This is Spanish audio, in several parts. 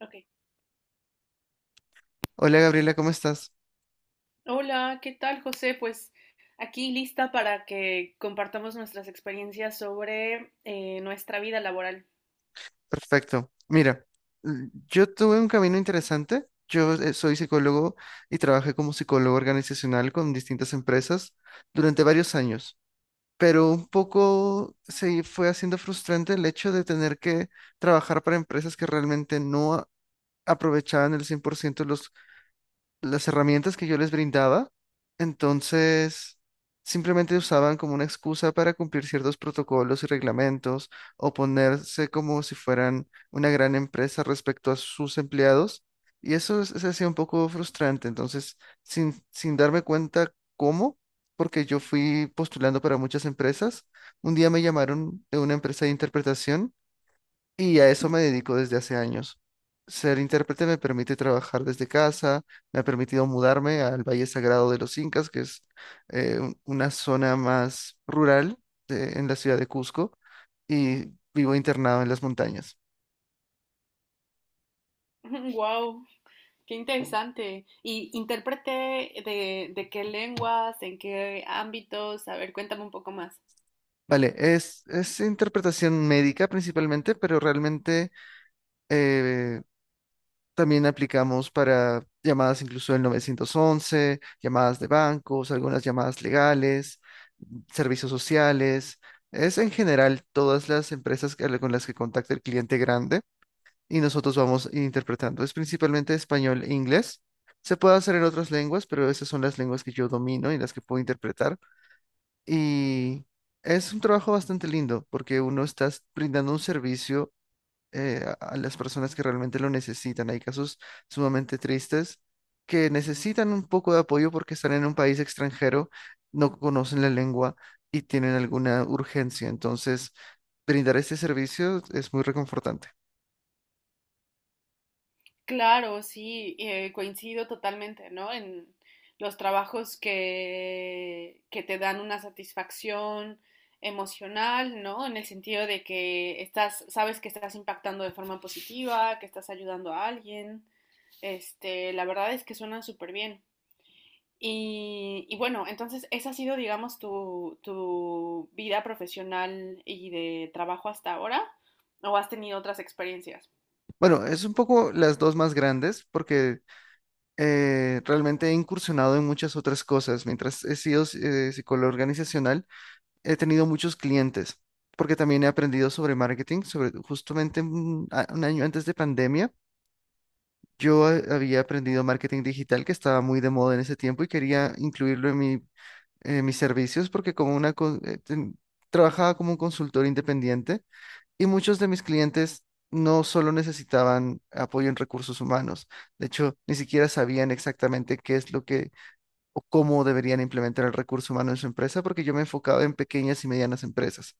Ok. Hola Gabriela, ¿cómo estás? Hola, ¿qué tal, José? Pues aquí lista para que compartamos nuestras experiencias sobre nuestra vida laboral. Perfecto. Mira, yo tuve un camino interesante. Yo soy psicólogo y trabajé como psicólogo organizacional con distintas empresas durante varios años, pero un poco se fue haciendo frustrante el hecho de tener que trabajar para empresas que realmente no a- aprovechaban el 100% los las herramientas que yo les brindaba. Entonces simplemente usaban como una excusa para cumplir ciertos protocolos y reglamentos, o ponerse como si fueran una gran empresa respecto a sus empleados. Y se hacía un poco frustrante. Entonces, sin darme cuenta cómo, porque yo fui postulando para muchas empresas, un día me llamaron de una empresa de interpretación, y a eso me dedico desde hace años. Ser intérprete me permite trabajar desde casa, me ha permitido mudarme al Valle Sagrado de los Incas, que es una zona más rural en la ciudad de Cusco, y vivo internado en las montañas. Wow, qué interesante. Y intérprete de qué lenguas, en qué ámbitos. A ver, cuéntame un poco más. Vale, es interpretación médica principalmente, pero realmente eh, también aplicamos para llamadas incluso del 911, llamadas de bancos, algunas llamadas legales, servicios sociales. Es en general todas con las que contacta el cliente grande y nosotros vamos interpretando. Es principalmente español e inglés. Se puede hacer en otras lenguas, pero esas son las lenguas que yo domino y las que puedo interpretar. Y es un trabajo bastante lindo porque uno está brindando un servicio a las personas que realmente lo necesitan. Hay casos sumamente tristes que necesitan un poco de apoyo porque están en un país extranjero, no conocen la lengua y tienen alguna urgencia. Entonces, brindar este servicio es muy reconfortante. Claro, sí, coincido totalmente, ¿no? En los trabajos que te dan una satisfacción emocional, ¿no? En el sentido de que estás, sabes que estás impactando de forma positiva, que estás ayudando a alguien. Este, la verdad es que suenan súper bien. Y bueno, entonces esa ha sido, digamos, tu vida profesional y de trabajo hasta ahora, ¿o has tenido otras experiencias? Bueno, es un poco las dos más grandes porque realmente he incursionado en muchas otras cosas. Mientras he sido psicólogo organizacional, he tenido muchos clientes, porque también he aprendido sobre marketing, sobre justamente un año antes de pandemia. Yo había aprendido marketing digital, que estaba muy de moda en ese tiempo y quería incluirlo en en mis servicios, porque como trabajaba como un consultor independiente, y muchos de mis clientes no solo necesitaban apoyo en recursos humanos. De hecho, ni siquiera sabían exactamente qué es lo que o cómo deberían implementar el recurso humano en su empresa, porque yo me enfocaba en pequeñas y medianas empresas.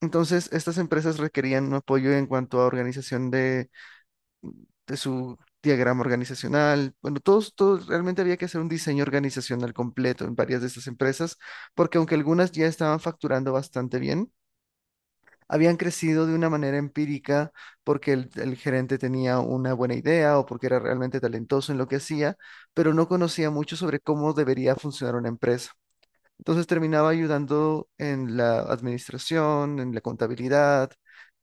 Entonces, estas empresas requerían un apoyo en cuanto a organización de su diagrama organizacional. Bueno, realmente había que hacer un diseño organizacional completo en varias de estas empresas, porque aunque algunas ya estaban facturando bastante bien, habían crecido de una manera empírica porque el gerente tenía una buena idea, o porque era realmente talentoso en lo que hacía, pero no conocía mucho sobre cómo debería funcionar una empresa. Entonces terminaba ayudando en la administración, en la contabilidad,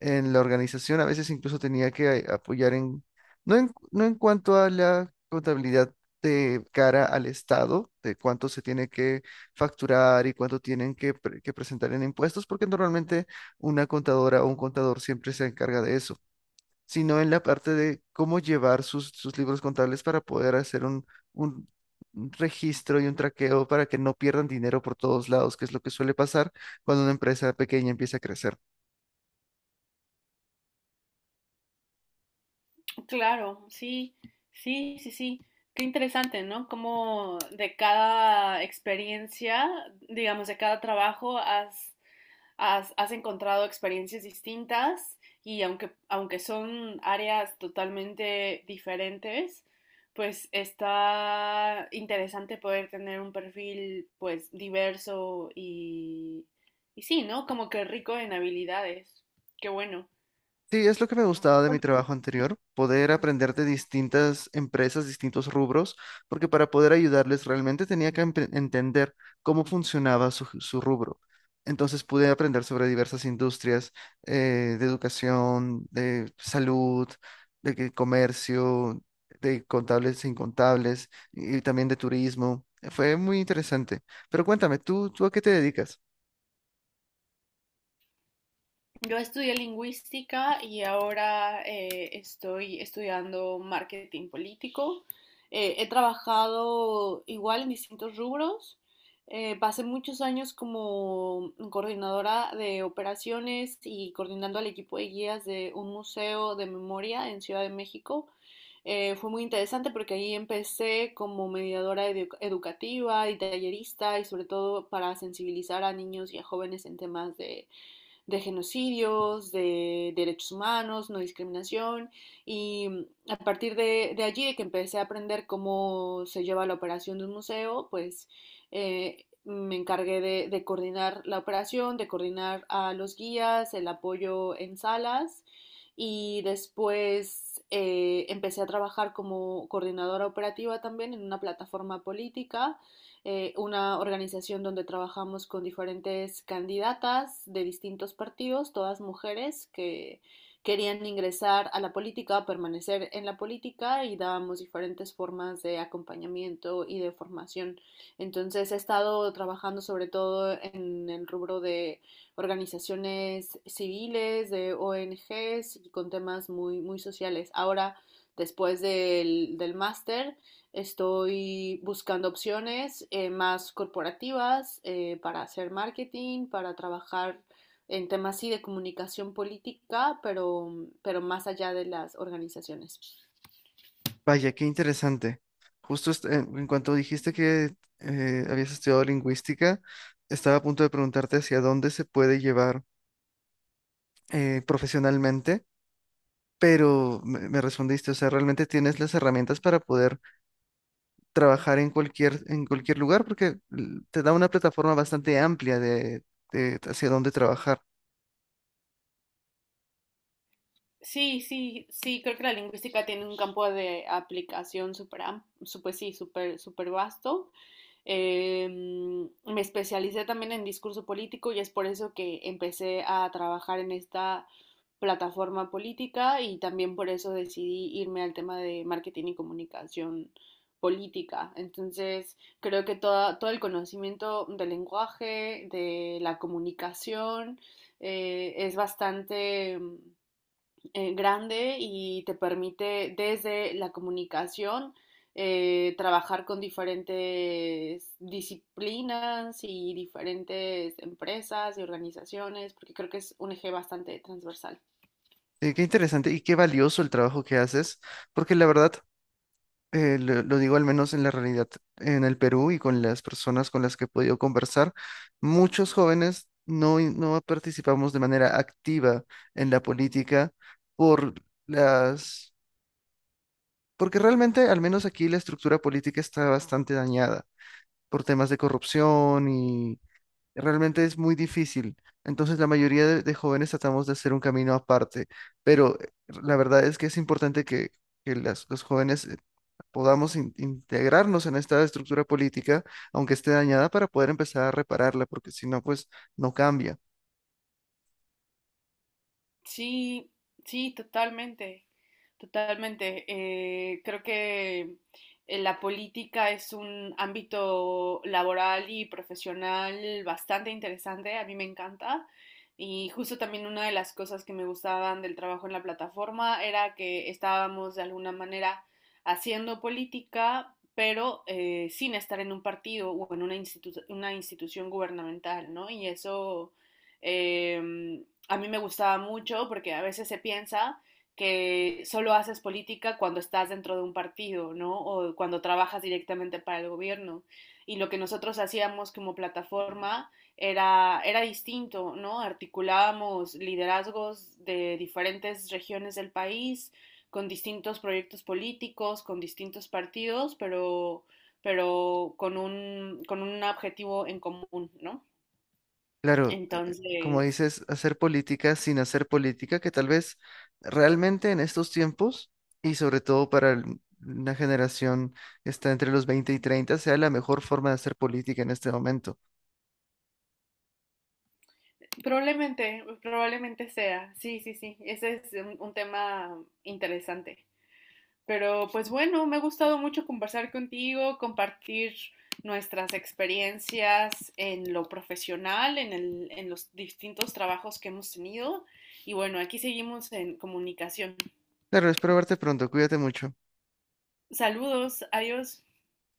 en la organización. A veces incluso tenía que apoyar en, no en cuanto a la contabilidad de cara al Estado, de cuánto se tiene que facturar y cuánto tienen que, que presentar en impuestos, porque normalmente una contadora o un contador siempre se encarga de eso, sino en la parte de cómo llevar sus libros contables, para poder hacer un un registro y un traqueo para que no pierdan dinero por todos lados, que es lo que suele pasar cuando una empresa pequeña empieza a crecer. Claro, sí, sí, sí, sí. Qué interesante, ¿no? Como de cada experiencia, digamos, de cada trabajo, has encontrado experiencias distintas y aunque son áreas totalmente diferentes, pues está interesante poder tener un perfil, pues, diverso y sí, ¿no? Como que rico en habilidades. Qué bueno. Sí, es lo que me gustaba de mi trabajo anterior, poder aprender de distintas empresas, distintos rubros, porque para poder ayudarles realmente tenía que entender cómo funcionaba su rubro. Entonces pude aprender sobre diversas industrias, de educación, de salud, de comercio, de contables e incontables, y también de turismo. Fue muy interesante. Pero cuéntame, tú a qué te dedicas? Yo estudié lingüística y ahora estoy estudiando marketing político. He trabajado igual en distintos rubros. Pasé muchos años como coordinadora de operaciones y coordinando al equipo de guías de un museo de memoria en Ciudad de México. Fue muy interesante porque ahí empecé como mediadora educativa y tallerista y sobre todo para sensibilizar a niños y a jóvenes en temas de genocidios, de derechos humanos, no discriminación. Y a partir de allí, de que empecé a aprender cómo se lleva la operación de un museo, pues me encargué de coordinar la operación, de coordinar a los guías, el apoyo en salas y después empecé a trabajar como coordinadora operativa también en una plataforma política, una organización donde trabajamos con diferentes candidatas de distintos partidos, todas mujeres que querían ingresar a la política, permanecer en la política y dábamos diferentes formas de acompañamiento y de formación. Entonces he estado trabajando sobre todo en el rubro de organizaciones civiles, de ONGs y con temas muy, muy sociales. Ahora, después del máster, estoy buscando opciones más corporativas para hacer marketing, para trabajar en temas sí de comunicación política, pero más allá de las organizaciones. Vaya, qué interesante. Justo en cuanto dijiste que habías estudiado lingüística, estaba a punto de preguntarte hacia dónde se puede llevar profesionalmente, pero me respondiste. O sea, realmente tienes las herramientas para poder trabajar en cualquier lugar, porque te da una plataforma bastante amplia de hacia dónde trabajar. Sí, sí, sí, creo que la lingüística tiene un campo de aplicación pues sí, súper, súper vasto. Me especialicé también en discurso político y es por eso que empecé a trabajar en esta plataforma política y también por eso decidí irme al tema de marketing y comunicación política. Entonces, creo que todo el conocimiento del lenguaje, de la comunicación, es bastante grande y te permite desde la comunicación trabajar con diferentes disciplinas y diferentes empresas y organizaciones, porque creo que es un eje bastante transversal. Qué interesante y qué valioso el trabajo que haces, porque la verdad lo digo al menos en la realidad en el Perú, y con las personas con las que he podido conversar, muchos jóvenes no participamos de manera activa en la política por las, porque realmente al menos aquí la estructura política está bastante dañada por temas de corrupción, y realmente es muy difícil. Entonces la mayoría de jóvenes tratamos de hacer un camino aparte, pero la verdad es que es importante que los jóvenes podamos integrarnos en esta estructura política, aunque esté dañada, para poder empezar a repararla, porque si no, pues no cambia. Sí, sí, totalmente, totalmente. Creo que la política es un ámbito laboral y profesional bastante interesante, a mí me encanta. Y justo también una de las cosas que me gustaban del trabajo en la plataforma era que estábamos de alguna manera haciendo política, pero sin estar en un partido o en una una institución gubernamental, ¿no? Em, a mí me gustaba mucho porque a veces se piensa que solo haces política cuando estás dentro de un partido, ¿no? O cuando trabajas directamente para el gobierno. Y lo que nosotros hacíamos como plataforma era distinto, ¿no? Articulábamos liderazgos de diferentes regiones del país, con distintos proyectos políticos, con distintos partidos, pero con un objetivo en común, ¿no? Claro, como Entonces, dices, hacer política sin hacer política, que tal vez realmente en estos tiempos, y sobre todo para una generación que está entre los 20 y 30, sea la mejor forma de hacer política en este momento. probablemente, probablemente sea. Sí, sí, sí. Ese es un tema interesante. Pero pues bueno, me ha gustado mucho conversar contigo, compartir nuestras experiencias en lo profesional, en los distintos trabajos que hemos tenido. Y bueno, aquí seguimos en comunicación. Claro, espero verte pronto, cuídate mucho. Saludos, adiós.